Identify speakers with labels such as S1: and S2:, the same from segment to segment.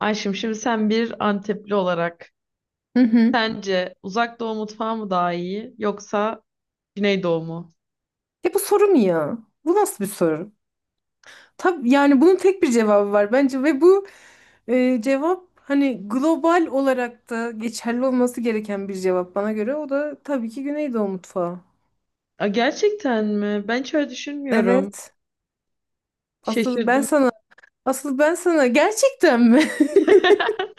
S1: Ayşem, şimdi sen bir Antepli olarak
S2: Hı hı.
S1: sence Uzak Doğu mutfağı mı daha iyi yoksa Güneydoğu mu?
S2: Bu soru mu ya? Bu nasıl bir soru? Tabii yani bunun tek bir cevabı var bence ve bu cevap hani global olarak da geçerli olması gereken bir cevap bana göre. O da tabii ki Güneydoğu mutfağı.
S1: Aa, gerçekten mi? Ben hiç öyle düşünmüyorum.
S2: Evet. Asıl ben
S1: Şaşırdım.
S2: sana, asıl ben sana gerçekten mi?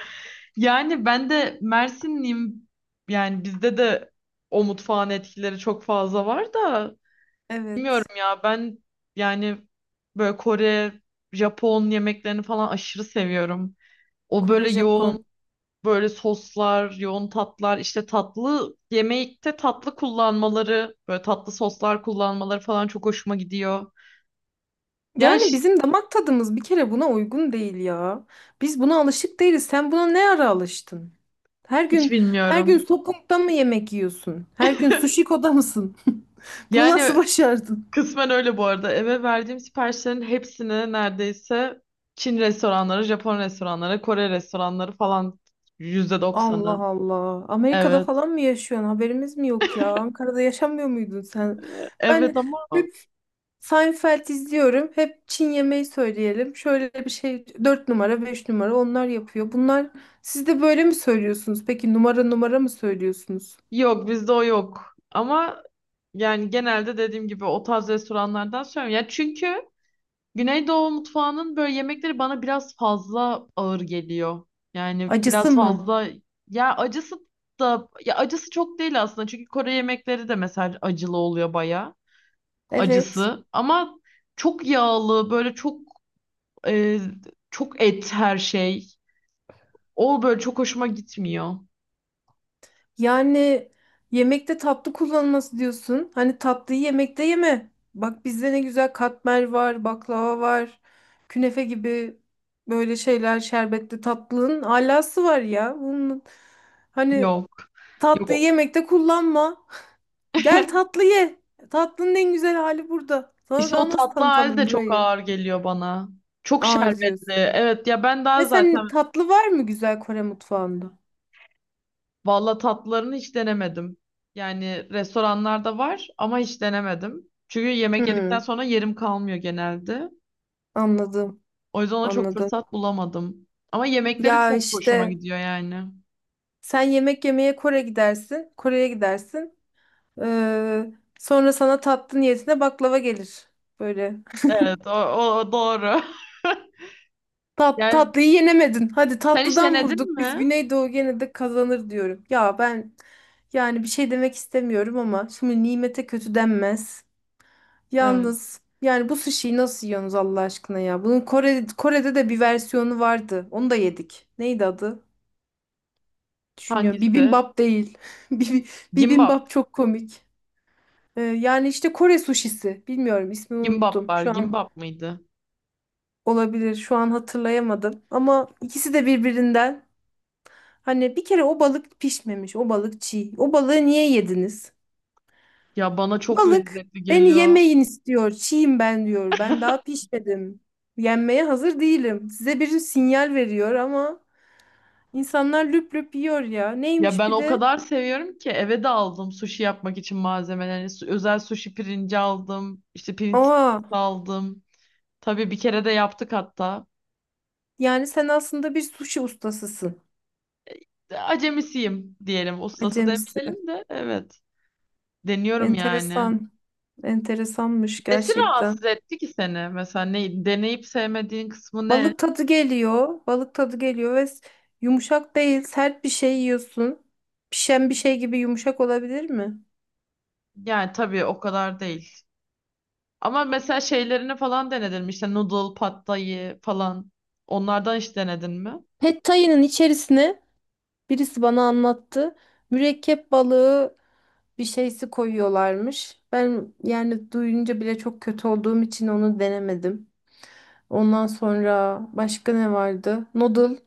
S1: Yani ben de Mersinliyim. Yani bizde de o mutfağın etkileri çok fazla var da
S2: Evet.
S1: bilmiyorum ya ben, yani böyle Kore, Japon yemeklerini falan aşırı seviyorum. O
S2: Kore,
S1: böyle
S2: Japon.
S1: yoğun, böyle soslar, yoğun tatlar, işte tatlı yemekte tatlı kullanmaları, böyle tatlı soslar kullanmaları falan çok hoşuma gidiyor. Ya
S2: Yani
S1: hiç
S2: bizim damak tadımız bir kere buna uygun değil ya. Biz buna alışık değiliz. Sen buna ne ara alıştın? Her
S1: hiç
S2: gün her gün
S1: bilmiyorum.
S2: sokakta mı yemek yiyorsun? Her gün sushiko'da mısın? Bunu nasıl
S1: Yani
S2: başardın?
S1: kısmen öyle bu arada. Eve verdiğim siparişlerin hepsini neredeyse Çin restoranları, Japon restoranları, Kore restoranları falan, yüzde
S2: Allah
S1: doksanı.
S2: Allah. Amerika'da
S1: Evet.
S2: falan mı yaşıyorsun? Haberimiz mi yok ya? Ankara'da yaşamıyor muydun sen? Ben
S1: Evet, ama
S2: hep Seinfeld izliyorum. Hep Çin yemeği söyleyelim. Şöyle bir şey 4 numara, 5 numara onlar yapıyor. Bunlar siz de böyle mi söylüyorsunuz? Peki numara numara mı söylüyorsunuz?
S1: yok, bizde o yok. Ama yani genelde dediğim gibi o tarz restoranlardan söylüyorum. Ya çünkü Güneydoğu mutfağının böyle yemekleri bana biraz fazla ağır geliyor. Yani
S2: Acısı
S1: biraz
S2: mı?
S1: fazla, ya acısı da, ya acısı çok değil aslında. Çünkü Kore yemekleri de mesela acılı oluyor bayağı.
S2: Evet.
S1: Acısı, ama çok yağlı, böyle çok, e, çok et her şey. O böyle çok hoşuma gitmiyor.
S2: Yani yemekte tatlı kullanılması diyorsun. Hani tatlıyı yemekte yeme. Bak bizde ne güzel katmer var, baklava var, künefe gibi böyle şeyler, şerbetli tatlının alası var ya. Hani
S1: Yok. Yok.
S2: tatlıyı yemekte kullanma. Gel tatlı ye. Tatlının en güzel hali burada. Sana
S1: İşte
S2: daha
S1: o
S2: nasıl
S1: tatlı hali
S2: tanıtalım
S1: de çok
S2: burayı?
S1: ağır geliyor bana. Çok
S2: Ağır
S1: şerbetli.
S2: diyorsun.
S1: Evet, ya ben daha
S2: Ve
S1: zaten.
S2: sen, tatlı var mı güzel Kore mutfağında?
S1: Valla tatlılarını hiç denemedim. Yani restoranlarda var ama hiç denemedim. Çünkü yemek yedikten
S2: Hmm,
S1: sonra yerim kalmıyor genelde.
S2: anladım.
S1: O yüzden ona çok
S2: Anladım.
S1: fırsat bulamadım. Ama yemekleri
S2: Ya
S1: çok hoşuma
S2: işte
S1: gidiyor yani.
S2: sen yemek yemeye Kore gidersin, Kore'ye gidersin. Ee, sonra sana tatlı niyetine baklava gelir. Böyle.
S1: Evet, o doğru. Yani
S2: Tatlıyı yenemedin. Hadi
S1: sen hiç
S2: tatlıdan
S1: denedin
S2: vurduk. Biz
S1: mi?
S2: Güneydoğu gene de kazanır diyorum. Ya ben yani bir şey demek istemiyorum ama şimdi nimete kötü denmez.
S1: Evet.
S2: Yalnız yani bu sushi'yi nasıl yiyorsunuz Allah aşkına ya? Bunun Kore, Kore'de de bir versiyonu vardı. Onu da yedik. Neydi adı? Düşünüyorum.
S1: Hangisi?
S2: Bibimbap değil. Bibi-
S1: Gimbap.
S2: Bibimbap çok komik. Yani işte Kore suşisi. Bilmiyorum, ismini
S1: Gimbap
S2: unuttum.
S1: var.
S2: Şu an
S1: Gimbap mıydı?
S2: olabilir. Şu an hatırlayamadım. Ama ikisi de birbirinden. Hani bir kere o balık pişmemiş. O balık çiğ. O balığı niye yediniz?
S1: Ya bana çok
S2: Balık
S1: lezzetli
S2: beni
S1: geliyor.
S2: yemeyin istiyor. Çiğim ben diyor. Ben daha pişmedim. Yenmeye hazır değilim. Size bir sinyal veriyor ama insanlar lüp lüp yiyor ya.
S1: Ya
S2: Neymiş
S1: ben
S2: bir
S1: o
S2: de?
S1: kadar seviyorum ki eve de aldım sushi yapmak için malzemeleri. Özel sushi pirinci aldım. İşte pirinç
S2: Aa,
S1: aldım. Tabii bir kere de yaptık hatta.
S2: yani sen aslında bir sushi ustasısın.
S1: Acemisiyim diyelim. Ustası
S2: Acemisi.
S1: demeyelim de, evet. Deniyorum yani.
S2: Enteresan. Enteresanmış
S1: Nesi rahatsız
S2: gerçekten.
S1: etti ki seni? Mesela ne, deneyip sevmediğin kısmı ne?
S2: Balık tadı geliyor. Yumuşak değil, sert bir şey yiyorsun. Pişen bir şey gibi yumuşak olabilir mi?
S1: Yani tabii o kadar değil. Ama mesela şeylerini falan denedin mi? İşte noodle, pad thai falan. Onlardan hiç denedin mi?
S2: Pad Thai'nin içerisine birisi bana anlattı. Mürekkep balığı bir şeysi koyuyorlarmış. Ben yani duyunca bile çok kötü olduğum için onu denemedim. Ondan sonra başka ne vardı? Noodle.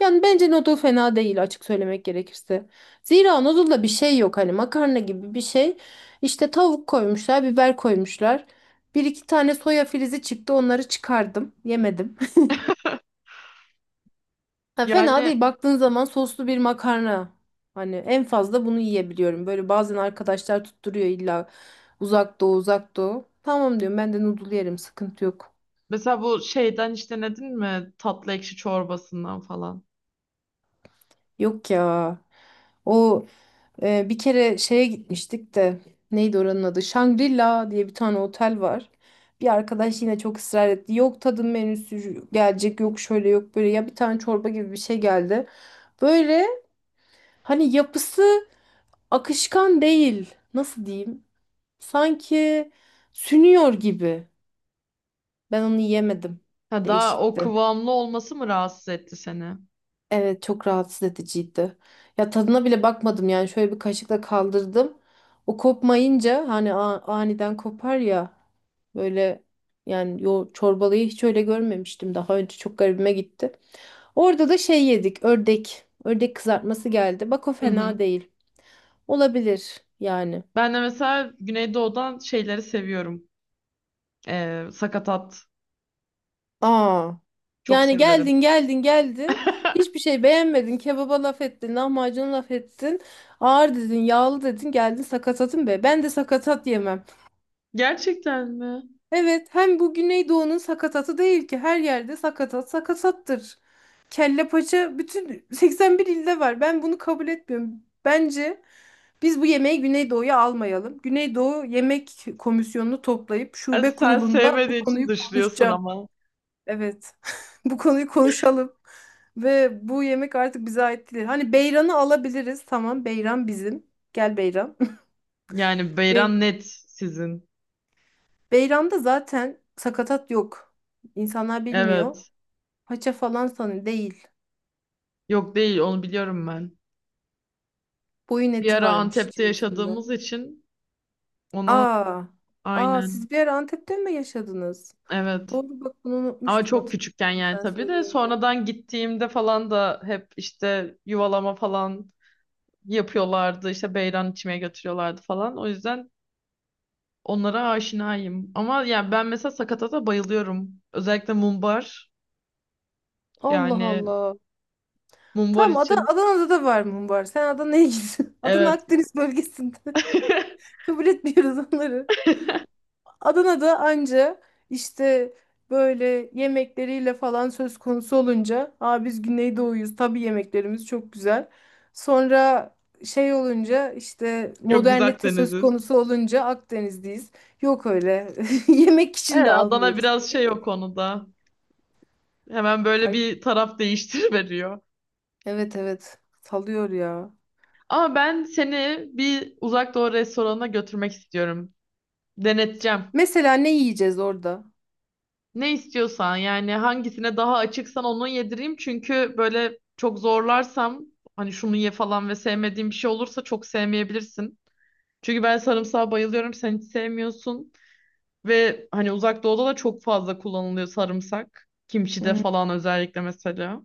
S2: Yani bence noodle fena değil, açık söylemek gerekirse. Zira noodle'da bir şey yok, hani makarna gibi bir şey. İşte tavuk koymuşlar, biber koymuşlar. Bir iki tane soya filizi çıktı, onları çıkardım, yemedim. Ha, fena
S1: Yani
S2: değil baktığın zaman, soslu bir makarna. Hani en fazla bunu yiyebiliyorum. Böyle bazen arkadaşlar tutturuyor illa uzak doğu uzak doğu. Tamam diyorum, ben de noodle yerim, sıkıntı yok.
S1: mesela bu şeyden hiç denedin mi? Tatlı ekşi çorbasından falan.
S2: Yok ya. O bir kere şeye gitmiştik de neydi oranın adı? Shangri-La diye bir tane otel var. Bir arkadaş yine çok ısrar etti. Yok tadım menüsü gelecek, yok şöyle, yok böyle, ya bir tane çorba gibi bir şey geldi. Böyle hani yapısı akışkan değil. Nasıl diyeyim? Sanki sünüyor gibi. Ben onu yemedim.
S1: Ha, daha o
S2: Değişikti.
S1: kıvamlı olması mı rahatsız etti seni?
S2: Evet, çok rahatsız ediciydi. Ya tadına bile bakmadım, yani şöyle bir kaşıkla kaldırdım. O kopmayınca, hani aniden kopar ya böyle, yani yo, çorbalıyı hiç öyle görmemiştim daha önce, çok garibime gitti. Orada da şey yedik, ördek. Ördek kızartması geldi. Bak o
S1: Hı hı.
S2: fena değil. Olabilir yani.
S1: Ben de mesela Güneydoğu'dan şeyleri seviyorum. Sakatat.
S2: Aa.
S1: Çok
S2: Yani
S1: severim.
S2: geldin hiçbir şey beğenmedin, kebaba laf ettin, lahmacuna laf ettin, ağır dedin, yağlı dedin, geldin sakatatın, be ben de sakatat yemem.
S1: Gerçekten mi?
S2: Evet, hem bu Güneydoğu'nun sakatatı değil ki, her yerde sakatat sakatattır. Kelle paça bütün 81 ilde var, ben bunu kabul etmiyorum. Bence biz bu yemeği Güneydoğu'ya almayalım. Güneydoğu Yemek Komisyonu'nu toplayıp
S1: Ha,
S2: şube
S1: sen
S2: kurulunda bu
S1: sevmediğin için
S2: konuyu
S1: dışlıyorsun
S2: konuşacağım.
S1: ama.
S2: Evet. Bu konuyu konuşalım. Ve bu yemek artık bize ait değil. Hani beyranı alabiliriz. Tamam, beyran bizim. Gel beyran.
S1: Yani
S2: Ve
S1: beyran net sizin.
S2: beyranda zaten sakatat yok. İnsanlar bilmiyor.
S1: Evet.
S2: Paça falan sanı değil.
S1: Yok, değil, onu biliyorum ben.
S2: Boyun
S1: Bir
S2: eti
S1: ara
S2: varmış
S1: Antep'te
S2: içerisinde.
S1: yaşadığımız için ona,
S2: Aa. Aa,
S1: aynen.
S2: siz bir yer Antep'te mi yaşadınız?
S1: Evet.
S2: Doğru, bak bunu
S1: Ama
S2: unutmuştum,
S1: çok küçükken,
S2: hatırladım
S1: yani
S2: sen
S1: tabii de
S2: söyleyince.
S1: sonradan gittiğimde falan da hep işte yuvalama falan yapıyorlardı. İşte beyran içmeye götürüyorlardı falan. O yüzden onlara aşinayım. Ama yani ben mesela sakatata bayılıyorum. Özellikle mumbar.
S2: Allah
S1: Yani
S2: Allah.
S1: mumbar için
S2: Adana'da da var mı, var? Sen Adana'ya git. Adana
S1: evet.
S2: Akdeniz bölgesinde. Kabul etmiyoruz onları. Adana'da anca işte böyle yemekleriyle falan söz konusu olunca, aa, biz Güneydoğuyuz tabii, yemeklerimiz çok güzel. Sonra şey olunca, işte
S1: Yok, biz
S2: modernite söz
S1: Akdeniz'iz.
S2: konusu olunca Akdeniz'deyiz. Yok öyle, yemek için
S1: Evet,
S2: de
S1: Adana
S2: almıyoruz. Seni
S1: biraz
S2: git
S1: şey o
S2: git
S1: konuda. Hemen böyle
S2: kay-
S1: bir taraf değiştir veriyor.
S2: Evet evet salıyor ya.
S1: Ama ben seni bir uzak doğu restoranına götürmek istiyorum. Deneteceğim.
S2: Mesela ne yiyeceğiz orada?
S1: Ne istiyorsan, yani hangisine daha açıksan onu yedireyim. Çünkü böyle çok zorlarsam, hani şunu ye falan, ve sevmediğim bir şey olursa çok sevmeyebilirsin. Çünkü ben sarımsağa bayılıyorum, sen hiç sevmiyorsun. Ve hani uzak doğuda da çok fazla kullanılıyor sarımsak. Kimçide
S2: Hmm,
S1: falan özellikle mesela.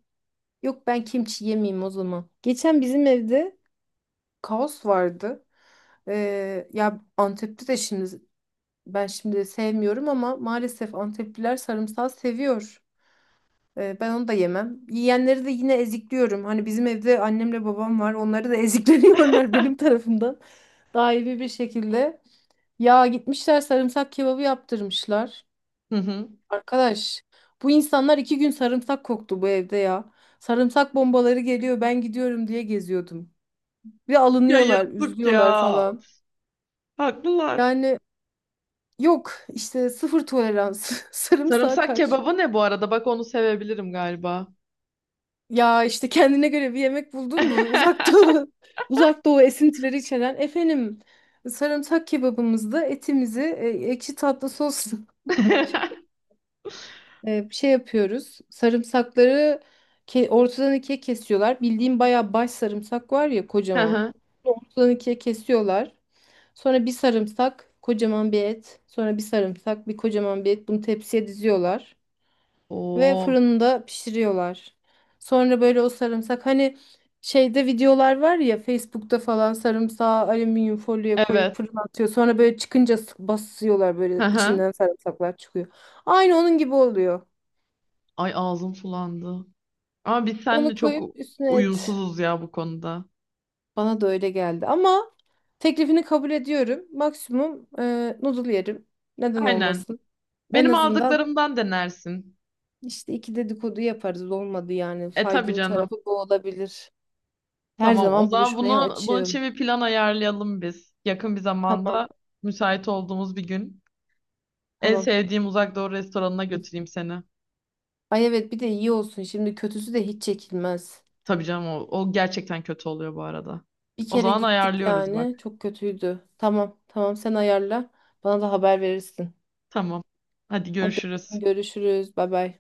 S2: yok ben kimçi yemeyeyim o zaman. Geçen bizim evde kaos vardı. Ya Antep'te de şimdi ben şimdi sevmiyorum ama maalesef Antepliler sarımsağı seviyor. Ben onu da yemem. Yiyenleri de yine ezikliyorum. Hani bizim evde annemle babam var. Onları da ezikleniyorlar benim tarafımdan. Daimi bir şekilde. Ya gitmişler sarımsak kebabı yaptırmışlar.
S1: Hı hı.
S2: Arkadaş, bu insanlar iki gün sarımsak koktu bu evde ya. Sarımsak bombaları geliyor, ben gidiyorum diye geziyordum. Bir
S1: Ya
S2: alınıyorlar,
S1: yazık ya.
S2: üzülüyorlar falan.
S1: Haklılar.
S2: Yani Yok işte sıfır tolerans sarımsağa
S1: Sarımsak
S2: karşı.
S1: kebabı ne bu arada? Bak onu sevebilirim galiba.
S2: Ya işte kendine göre bir yemek buldun mu? Uzak Doğu, Uzak Doğu esintileri içeren efendim sarımsak kebabımızda etimizi ekşi tatlı sosla şey yapıyoruz. Sarımsakları ortadan ikiye kesiyorlar. Bildiğim bayağı baş sarımsak var ya,
S1: Hı
S2: kocaman.
S1: hı.
S2: Ortadan ikiye kesiyorlar. Sonra bir sarımsak, kocaman bir et. Sonra bir sarımsak, bir kocaman bir et. Bunu tepsiye diziyorlar. Ve
S1: Oo,
S2: fırında pişiriyorlar. Sonra böyle o sarımsak, hani şeyde videolar var ya Facebook'ta falan, sarımsağı alüminyum folyoya koyup
S1: evet.
S2: fırına atıyor. Sonra böyle çıkınca basıyorlar,
S1: Hı
S2: böyle
S1: hı.
S2: içinden sarımsaklar çıkıyor. Aynı onun gibi oluyor.
S1: Ay ağzım sulandı. Ama biz
S2: Onu
S1: seninle çok
S2: koyup üstüne et.
S1: uyumsuzuz ya bu konuda.
S2: Bana da öyle geldi ama teklifini kabul ediyorum. Maksimum noodle yerim. Neden
S1: Aynen.
S2: olmasın? En
S1: Benim
S2: azından
S1: aldıklarımdan denersin.
S2: işte iki dedikodu yaparız, olmadı yani.
S1: E tabii
S2: Faydalı
S1: canım.
S2: tarafı bu olabilir. Her
S1: Tamam, o
S2: zaman
S1: zaman
S2: buluşmaya
S1: bunun
S2: açığım.
S1: için bir plan ayarlayalım biz. Yakın bir
S2: Tamam,
S1: zamanda müsait olduğumuz bir gün. En
S2: tamam.
S1: sevdiğim Uzak Doğu restoranına götüreyim seni.
S2: Ay evet, bir de iyi olsun. Şimdi kötüsü de hiç çekilmez.
S1: Tabii canım, o gerçekten kötü oluyor bu arada.
S2: Bir
S1: O
S2: kere
S1: zaman
S2: gittik
S1: ayarlıyoruz bak.
S2: yani çok kötüydü. Tamam, tamam sen ayarla. Bana da haber verirsin.
S1: Tamam. Hadi
S2: Hadi
S1: görüşürüz.
S2: öptüm, görüşürüz. Bay bay.